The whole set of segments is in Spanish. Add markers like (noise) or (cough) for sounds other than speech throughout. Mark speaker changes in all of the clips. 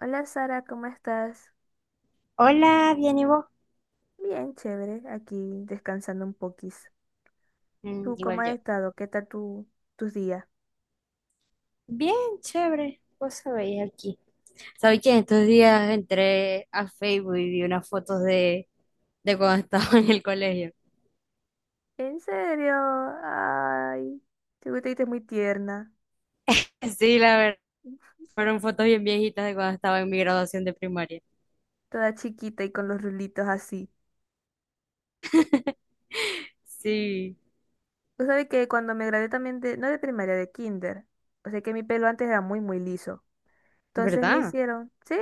Speaker 1: Hola Sara, ¿cómo estás?
Speaker 2: Hola, bien, ¿y vos?
Speaker 1: Bien, chévere, aquí descansando un poquis.
Speaker 2: Mm,
Speaker 1: ¿Tú cómo
Speaker 2: igual
Speaker 1: has
Speaker 2: yo.
Speaker 1: estado? ¿Qué tal tus días?
Speaker 2: Bien, chévere. Vos sabéis aquí. ¿Sabéis que estos días entré a Facebook y vi unas fotos de cuando (laughs) estaba en el colegio?
Speaker 1: ¿En serio? Ay, te viste muy tierna,
Speaker 2: Sí, la verdad, fueron fotos bien viejitas de cuando estaba en mi graduación de primaria.
Speaker 1: toda chiquita y con los rulitos así.
Speaker 2: (laughs) Sí,
Speaker 1: Tú sabes que cuando me gradué también de, no de primaria, de kinder, o sea que mi pelo antes era muy liso. Entonces me
Speaker 2: ¿verdad?
Speaker 1: hicieron, sí,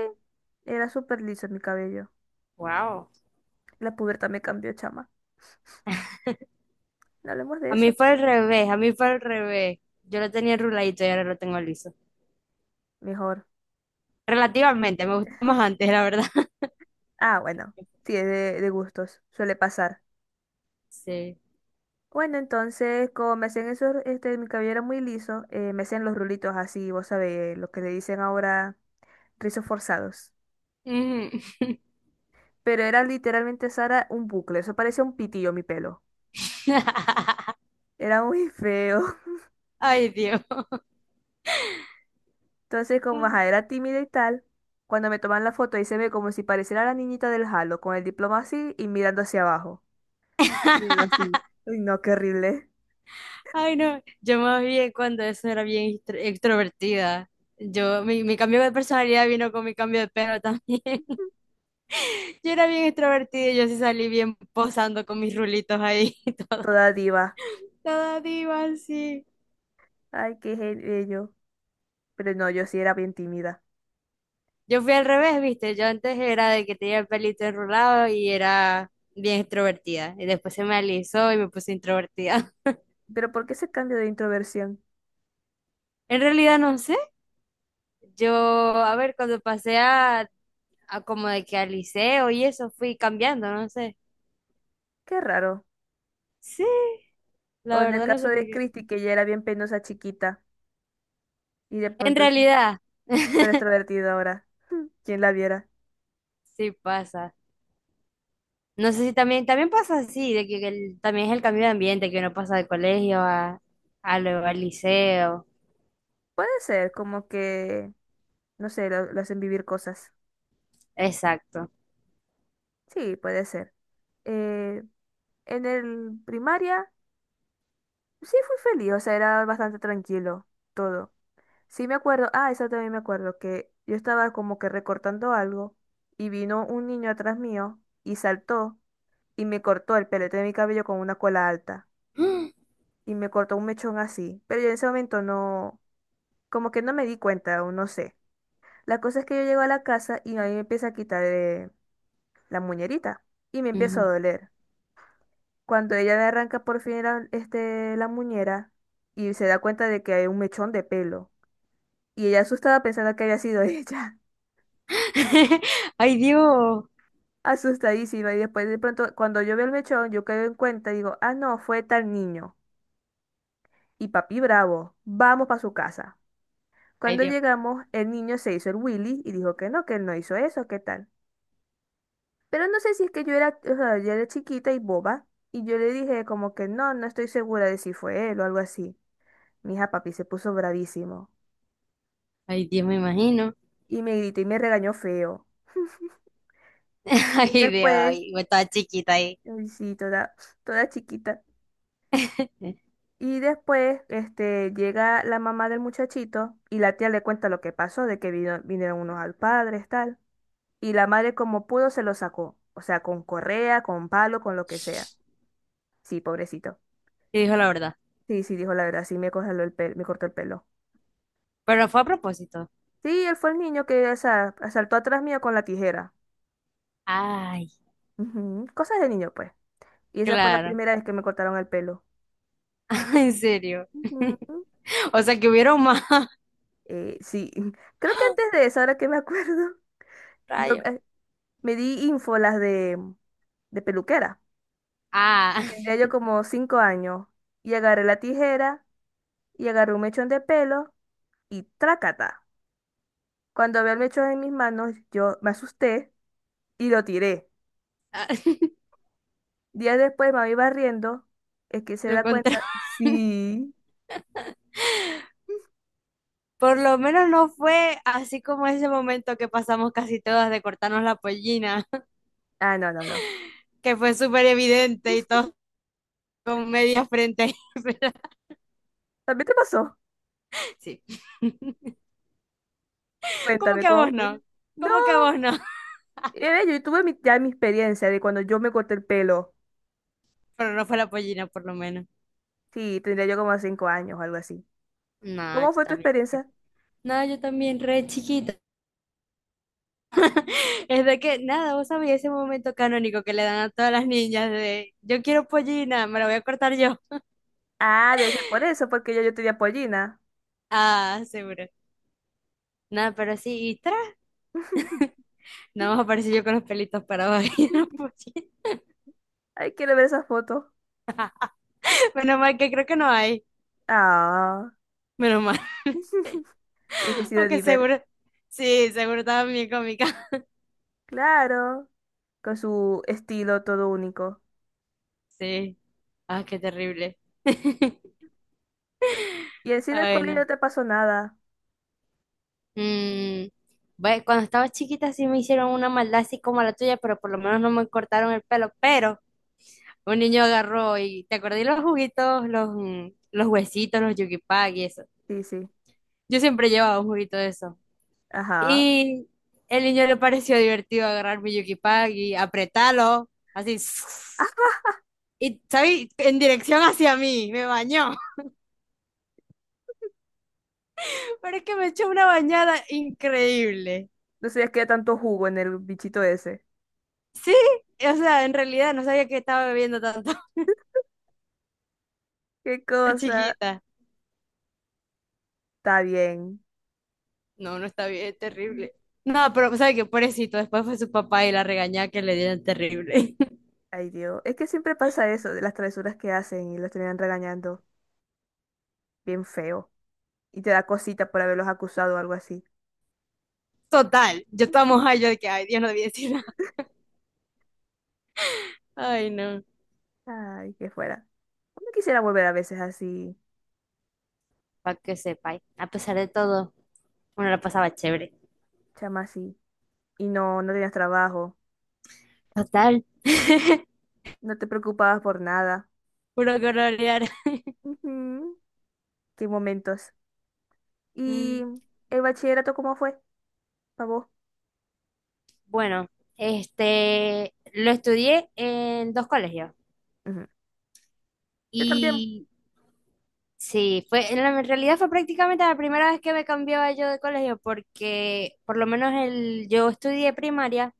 Speaker 1: era súper liso mi cabello.
Speaker 2: Wow.
Speaker 1: La pubertad me cambió, chama. No hablemos de
Speaker 2: A mí
Speaker 1: eso.
Speaker 2: fue al revés, a mí fue al revés. Yo lo tenía ruladito y ahora lo tengo liso.
Speaker 1: Mejor.
Speaker 2: Relativamente, me gustó más antes, la verdad. (laughs)
Speaker 1: Ah, bueno, sí, es de gustos, suele pasar.
Speaker 2: Sí.
Speaker 1: Bueno, entonces, como me hacían eso, este, mi cabello era muy liso, me hacían los rulitos así, vos sabés, lo que le dicen ahora rizos forzados.
Speaker 2: Ujú.
Speaker 1: Pero era literalmente, Sara, un bucle, eso parecía un pitillo mi pelo.
Speaker 2: (laughs)
Speaker 1: Era muy feo. (laughs)
Speaker 2: Ay, Dios.
Speaker 1: Entonces, como
Speaker 2: Ay,
Speaker 1: ajá, era tímida y tal, cuando me toman la foto, ahí se ve como si pareciera la niñita del Halo, con el diploma así y mirando hacia abajo. Miedo así. Uy, no, qué horrible.
Speaker 2: ay, no, yo más bien cuando eso era bien extrovertida. Yo, mi cambio de personalidad vino con mi cambio de pelo también. (laughs) Yo era bien extrovertida y yo sí salí bien posando con mis rulitos ahí, (laughs) toda,
Speaker 1: Toda diva.
Speaker 2: toda diva sí.
Speaker 1: Ay, bello. Pero no, yo sí era bien tímida.
Speaker 2: Yo fui al revés, viste, yo antes era de que tenía el pelito enrulado y era bien extrovertida. Y después se me alisó y me puse introvertida. (laughs)
Speaker 1: Pero ¿por qué ese cambio de introversión?
Speaker 2: En realidad no sé, yo, a ver, cuando pasé a Ah, como de que al liceo y eso fui cambiando, no sé.
Speaker 1: Qué raro.
Speaker 2: Sí,
Speaker 1: O
Speaker 2: la
Speaker 1: en el
Speaker 2: verdad no
Speaker 1: caso
Speaker 2: sé por
Speaker 1: de
Speaker 2: qué.
Speaker 1: Christy, que ella era bien penosa chiquita y de
Speaker 2: En
Speaker 1: pronto
Speaker 2: realidad,
Speaker 1: es súper
Speaker 2: (laughs)
Speaker 1: extrovertida ahora. (laughs) ¿Quién la viera?
Speaker 2: sí pasa. No sé si también pasa así, de que también es el cambio de ambiente, que uno pasa de colegio al liceo.
Speaker 1: Puede ser, como que, no sé, lo hacen vivir cosas.
Speaker 2: Exacto.
Speaker 1: Sí, puede ser. Eh, en el primaria, sí fui feliz, o sea, era bastante tranquilo todo. Sí me acuerdo, ah, eso también me acuerdo, que yo estaba como que recortando algo y vino un niño atrás mío y saltó y me cortó el pelete de mi cabello con una cola alta,
Speaker 2: (gasps)
Speaker 1: y me cortó un mechón así. Pero yo en ese momento no, como que no me di cuenta o no sé. La cosa es que yo llego a la casa y a mí me empieza a quitar la muñerita y me empieza a
Speaker 2: Ujú.
Speaker 1: doler. Cuando ella me arranca por fin la, este, la muñera y se da cuenta de que hay un mechón de pelo. Y ella asustada pensando que había sido (laughs) ella.
Speaker 2: (laughs) Ay, Dios.
Speaker 1: Asustadísima. Y después de pronto, cuando yo veo el mechón, yo caigo en cuenta y digo, ah, no, fue tal niño. Y papi bravo, vamos para su casa.
Speaker 2: Ay,
Speaker 1: Cuando
Speaker 2: Dios.
Speaker 1: llegamos, el niño se hizo el Willy y dijo que no, que él no hizo eso, ¿qué tal? Pero no sé si es que yo era, o sea, yo era chiquita y boba, y yo le dije como que no, no estoy segura de si fue él o algo así. Mi hija papi se puso bravísimo
Speaker 2: Ay, Dios, me imagino.
Speaker 1: y me gritó y me regañó feo.
Speaker 2: (laughs)
Speaker 1: Y
Speaker 2: Ay, Dios,
Speaker 1: después,
Speaker 2: ay, yo estaba chiquita ahí.
Speaker 1: ay, sí, toda, toda chiquita. Y después, este, llega la mamá del muchachito y la tía le cuenta lo que pasó, de que vinieron unos al padre, tal. Y la madre como pudo se lo sacó, o sea, con correa, con palo, con lo que sea. Sí, pobrecito.
Speaker 2: Y dijo la verdad.
Speaker 1: Sí, sí, dijo la verdad, sí, me congeló el pelo, me cortó el pelo.
Speaker 2: Pero fue a propósito.
Speaker 1: Sí, él fue el niño que saltó atrás mío con la tijera.
Speaker 2: Ay,
Speaker 1: Ujú, cosas de niño, pues. Y esa fue la
Speaker 2: claro.
Speaker 1: primera vez que me cortaron el pelo.
Speaker 2: (laughs) En serio.
Speaker 1: Ujú.
Speaker 2: O sea que hubieron más (laughs)
Speaker 1: Sí, (laughs) creo que antes de eso, ahora que me acuerdo, (laughs) yo
Speaker 2: rayos.
Speaker 1: me di ínfolas de peluquera.
Speaker 2: Ah,
Speaker 1: Tendría yo como cinco años y agarré la tijera y agarré un mechón de pelo y trácata. Cuando vi el mechón en mis manos, yo me asusté y lo tiré.
Speaker 2: (laughs)
Speaker 1: Días después, mami barriendo, es que se
Speaker 2: lo
Speaker 1: da
Speaker 2: encontré.
Speaker 1: cuenta. Sí.
Speaker 2: Por lo menos no fue así como ese momento que pasamos casi todas de cortarnos la pollina, (laughs)
Speaker 1: Ah, no, no, no.
Speaker 2: que fue súper evidente y todos con media frente. (laughs) Pero,
Speaker 1: ¿También te pasó?
Speaker 2: sí. (laughs) ¿Cómo
Speaker 1: Cuéntame
Speaker 2: que a
Speaker 1: cómo
Speaker 2: vos
Speaker 1: fue.
Speaker 2: no?
Speaker 1: No,
Speaker 2: ¿Cómo que a vos no? (laughs)
Speaker 1: yo tuve ya mi experiencia de cuando yo me corté el pelo.
Speaker 2: Pero no fue la pollina, por lo menos.
Speaker 1: Sí, tendría yo como cinco años o algo así.
Speaker 2: No, yo
Speaker 1: ¿Cómo fue tu
Speaker 2: también.
Speaker 1: experiencia?
Speaker 2: No, yo también, re chiquita. Es de que, nada, vos sabés ese momento canónico que le dan a todas las niñas de, yo quiero pollina, me la voy a cortar yo.
Speaker 1: Ah, debe ser por eso, porque yo tenía pollina.
Speaker 2: Ah, seguro. Nada, pero sí, y tras,
Speaker 1: (laughs)
Speaker 2: no (laughs) más aparecí yo con los pelitos parados ahí en la mochila.
Speaker 1: Ay, quiero ver esa foto.
Speaker 2: (laughs) Menos mal que creo que no hay.
Speaker 1: Ah.
Speaker 2: Menos mal.
Speaker 1: (laughs) Hubiese
Speaker 2: (laughs)
Speaker 1: sido
Speaker 2: Aunque
Speaker 1: Diver.
Speaker 2: seguro, sí, seguro estaba bien cómica. (laughs)
Speaker 1: Claro, con su estilo todo único.
Speaker 2: Sí. Ah, qué terrible. (laughs)
Speaker 1: Y así en el
Speaker 2: Ay,
Speaker 1: colegio
Speaker 2: no.
Speaker 1: no te pasó nada.
Speaker 2: Mm, Ve, cuando estaba chiquita sí me hicieron una maldad así como la tuya, pero por lo menos no me cortaron el pelo. Pero un niño agarró y te acordé los juguitos, los huesitos, los yugipag y eso.
Speaker 1: Sí, sí.
Speaker 2: Yo siempre llevaba un juguito de esos.
Speaker 1: Ajá.
Speaker 2: Y el niño le pareció divertido agarrar mi Yukipag y apretarlo, así. Y, ¿sabes? En dirección hacia mí, me bañó. (laughs) Pero es que me echó una bañada increíble.
Speaker 1: No sabía que había tanto jugo en el bichito ese.
Speaker 2: Sí, o sea, en realidad no sabía que estaba bebiendo tanto (laughs)
Speaker 1: Qué
Speaker 2: por
Speaker 1: cosa.
Speaker 2: chiquita.
Speaker 1: Está bien.
Speaker 2: No, no está bien, es terrible. No, pero ¿sabes qué? Pobrecito, después fue su papá y la regañada que le dieron terrible. (laughs)
Speaker 1: Ay, Dios. Es que siempre pasa eso, de las travesuras que hacen y los terminan regañando. Bien feo. Y te da cosita por haberlos acusado o algo así.
Speaker 2: Total, yo estaba mojada, yo de que, ay, Dios, no debía decir nada. Ay, no.
Speaker 1: Ay, que fuera. No quisiera volver a veces así,
Speaker 2: Para que sepáis, a pesar de todo, uno la pasaba chévere.
Speaker 1: chama así. Y no, no tenías trabajo.
Speaker 2: Total. (laughs)
Speaker 1: No te preocupabas por nada.
Speaker 2: Puro colorear.
Speaker 1: Ujú. Qué momentos.
Speaker 2: Mm,
Speaker 1: ¿Y el bachillerato cómo fue? ¿Para vos?
Speaker 2: Bueno, este, lo estudié en dos colegios
Speaker 1: Ujú. Yo también.
Speaker 2: y sí, en realidad fue prácticamente la primera vez que me cambiaba yo de colegio porque por lo menos yo estudié primaria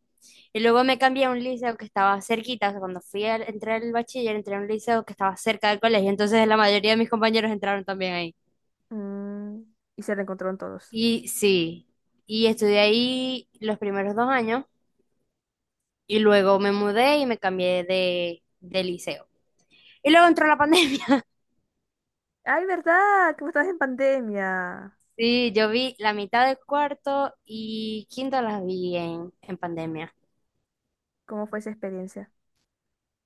Speaker 2: y luego me cambié a un liceo que estaba cerquita, o sea, cuando entré al bachiller, entré a un liceo que estaba cerca del colegio, entonces la mayoría de mis compañeros entraron también ahí.
Speaker 1: Mm, y se reencontraron todos.
Speaker 2: Y sí, y estudié ahí los primeros 2 años. Y luego me mudé y me cambié de liceo. Y luego entró la pandemia. (laughs)
Speaker 1: Ay, ¿verdad? Que vos estabas en pandemia.
Speaker 2: Sí, yo vi la mitad de cuarto y quinto las vi en pandemia.
Speaker 1: ¿Cómo fue esa experiencia?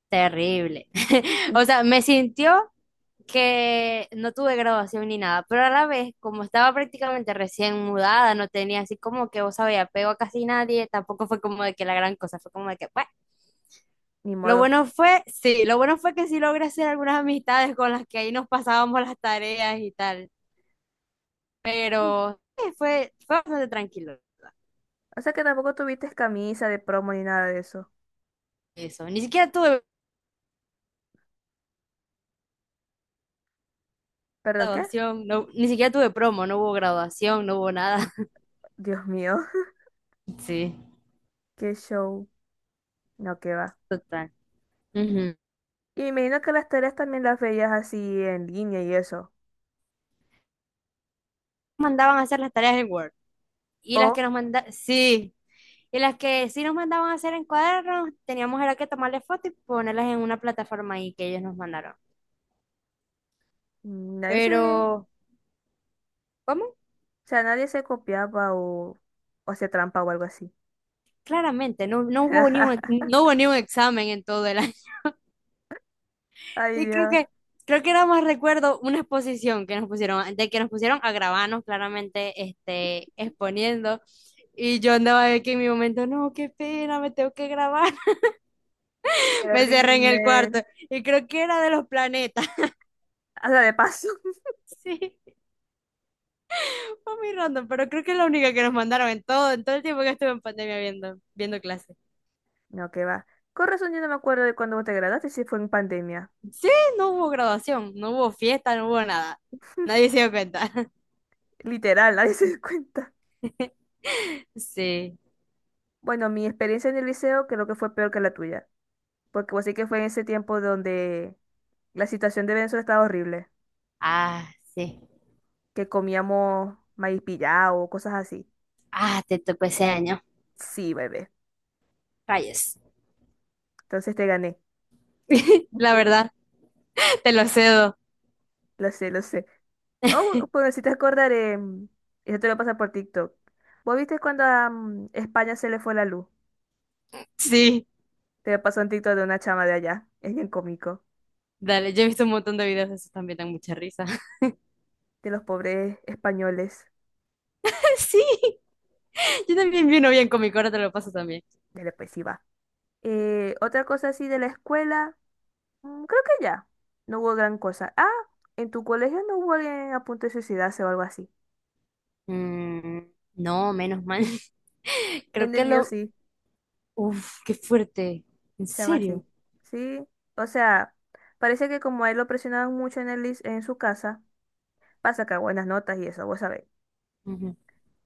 Speaker 2: Terrible. (laughs) O sea,
Speaker 1: (laughs)
Speaker 2: me sintió que no tuve graduación ni nada, pero a la vez, como estaba prácticamente recién mudada, no tenía así como que, vos sabés, apego a casi nadie, tampoco fue como de que la gran cosa, fue como de que, bueno,
Speaker 1: Ni modo.
Speaker 2: sí, lo bueno fue que sí logré hacer algunas amistades con las que ahí nos pasábamos las tareas y tal. Pero fue bastante tranquilo
Speaker 1: O sea que tampoco tuviste camisa de promo ni nada de eso.
Speaker 2: eso. Ni siquiera tuve
Speaker 1: ¿Perdón qué?
Speaker 2: graduación, no, ni siquiera tuve promo, no hubo graduación, no hubo nada. (laughs)
Speaker 1: Dios mío, (laughs)
Speaker 2: Sí,
Speaker 1: qué show. No, qué va.
Speaker 2: total. Ujú.
Speaker 1: Y me imagino que las tareas también las veías así en línea y eso.
Speaker 2: Mandaban a hacer las tareas en Word. Y las
Speaker 1: O
Speaker 2: que nos mandaban, sí. Y las que sí nos mandaban a hacer en cuadernos, teníamos era que tomarle fotos y ponerlas en una plataforma ahí que ellos nos mandaron.
Speaker 1: nadie se, o
Speaker 2: Pero, ¿cómo?
Speaker 1: sea, nadie se copiaba o hacía trampa o algo así.
Speaker 2: Claramente, no, no hubo ni un,
Speaker 1: (laughs)
Speaker 2: no hubo ni un examen en todo el.
Speaker 1: Ay,
Speaker 2: Y creo
Speaker 1: Dios,
Speaker 2: que, creo que era más recuerdo una exposición que nos pusieron, de que nos pusieron a grabarnos claramente, este, exponiendo. Y yo andaba aquí en mi momento, no, qué pena, me tengo que grabar. (laughs) Me cerré en el
Speaker 1: terrible.
Speaker 2: cuarto. Y creo que era de los planetas. (laughs)
Speaker 1: Haga de paso. (laughs)
Speaker 2: Sí, fue muy random, pero creo que es la única que nos mandaron en todo el tiempo que estuve en pandemia viendo clases.
Speaker 1: No, qué va. Con razón yo no me acuerdo de cuando vos te graduaste, si fue en pandemia.
Speaker 2: Sí, no hubo graduación, no hubo fiesta, no hubo nada. Nadie se dio cuenta.
Speaker 1: Literal, (laughs) nadie se dio cuenta.
Speaker 2: (laughs) Sí.
Speaker 1: Bueno, mi experiencia en el liceo creo que fue peor que la tuya, porque vos sí que fue en ese tiempo donde la situación de Venezuela estaba horrible,
Speaker 2: Ah, sí.
Speaker 1: que comíamos maíz pillado, cosas así.
Speaker 2: Ah, te tocó ese año.
Speaker 1: Sí, bebé.
Speaker 2: Rayes.
Speaker 1: Entonces te gané.
Speaker 2: (laughs)
Speaker 1: (laughs)
Speaker 2: La
Speaker 1: Ujú.
Speaker 2: verdad, te lo cedo.
Speaker 1: Lo sé, lo sé. Oh, bueno, si te acordar, eso te lo pasa por TikTok. ¿Vos viste cuando a España se le fue la luz?
Speaker 2: Sí,
Speaker 1: Te pasó un TikTok de una chama de allá. Es bien cómico.
Speaker 2: dale, yo he visto un montón de videos de esos también, dan mucha risa. (laughs)
Speaker 1: De los pobres españoles.
Speaker 2: Sí, yo también vi uno bien cómico, ahora te lo paso también.
Speaker 1: Dale, pues sí va. Otra cosa así de la escuela. Mm, creo que ya. No hubo gran cosa. Ah, en tu colegio no hubo alguien a punto de suicidarse o algo así.
Speaker 2: Mm, no, menos mal. (laughs) Creo
Speaker 1: En el
Speaker 2: que
Speaker 1: mío
Speaker 2: lo...
Speaker 1: sí,
Speaker 2: Uf, qué fuerte. ¿En
Speaker 1: chama, sí.
Speaker 2: serio?
Speaker 1: Sí, o sea, parece que como a él lo presionaban mucho en el, en su casa, para sacar buenas notas y eso, vos sabés.
Speaker 2: Ujú,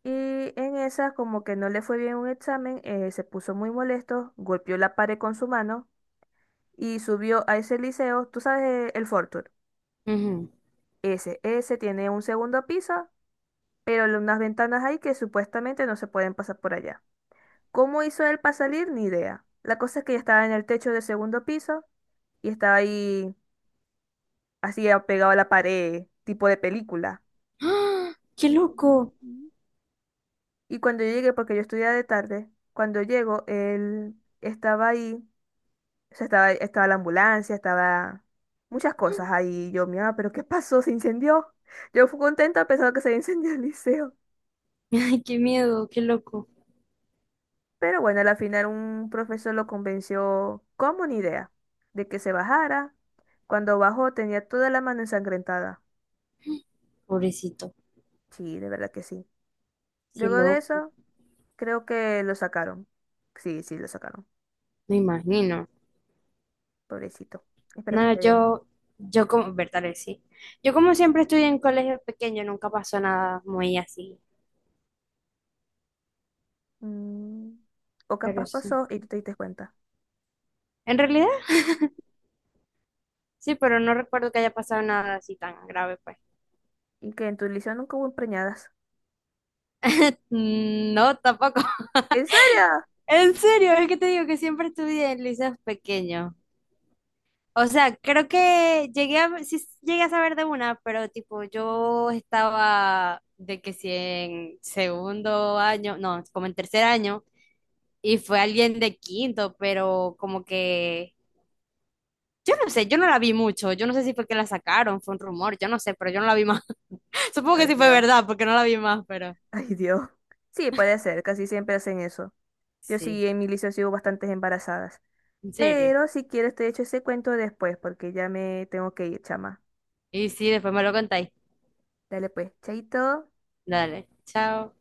Speaker 1: Y en esa, como que no le fue bien un examen, se puso muy molesto, golpeó la pared con su mano y subió a ese liceo, tú sabes, el Fortur.
Speaker 2: ujú.
Speaker 1: Ese tiene un segundo piso, pero unas ventanas ahí que supuestamente no se pueden pasar por allá. ¿Cómo hizo él para salir? Ni idea. La cosa es que yo estaba en el techo del segundo piso y estaba ahí así pegado a la pared, tipo de película.
Speaker 2: ¡Ah! ¡Qué loco!
Speaker 1: Ujú. Y cuando yo llegué, porque yo estudiaba de tarde, cuando llego, él estaba ahí, o sea, estaba la ambulancia, estaba muchas cosas
Speaker 2: (laughs)
Speaker 1: ahí. Y yo, mira, pero ¿qué pasó? ¿Se incendió? Yo fui contenta pensando que se había (laughs) incendiado el liceo.
Speaker 2: Ay, qué miedo, qué loco.
Speaker 1: Pero bueno, al final un profesor lo convenció como una idea de que se bajara. Cuando bajó tenía toda la mano ensangrentada.
Speaker 2: Pobrecito,
Speaker 1: Sí, de verdad que sí.
Speaker 2: qué
Speaker 1: Luego de
Speaker 2: loco.
Speaker 1: eso, creo que lo sacaron. Sí, sí, lo sacaron.
Speaker 2: Me imagino.
Speaker 1: Pobrecito. Espero que
Speaker 2: No,
Speaker 1: esté bien.
Speaker 2: yo como, verdad, sí. Yo como siempre estudié en colegio pequeño, nunca pasó nada muy así,
Speaker 1: Mm, o
Speaker 2: pero
Speaker 1: capaz
Speaker 2: sí.
Speaker 1: pasó y tú te diste cuenta.
Speaker 2: En realidad, sí, pero no recuerdo que haya pasado nada así tan grave, pues.
Speaker 1: Y que en tu liceo nunca hubo empreñadas.
Speaker 2: Mm, no, tampoco. (laughs)
Speaker 1: ¿En serio?
Speaker 2: En serio, es que te digo que siempre estudié en liceos pequeños. O sea, creo que sí llegué a saber de una, pero tipo, yo estaba de que si en segundo año, no, como en tercer año, y fue alguien de quinto, pero como que no sé, yo no la vi mucho, yo no sé si fue que la sacaron, fue un rumor, yo no sé, pero yo no la vi más. (laughs) Supongo que
Speaker 1: Ay,
Speaker 2: sí fue
Speaker 1: Dios. (laughs)
Speaker 2: verdad, porque no la vi más, pero
Speaker 1: Ay, Dios. Sí, puede ser. Casi siempre hacen eso. Yo
Speaker 2: sí,
Speaker 1: sí, en mi liceo sigo bastantes embarazadas.
Speaker 2: en serio.
Speaker 1: Pero si quieres te echo ese cuento después porque ya me tengo que ir, chama.
Speaker 2: Y sí, después me lo contáis.
Speaker 1: Dale pues, chaito.
Speaker 2: Dale, chao.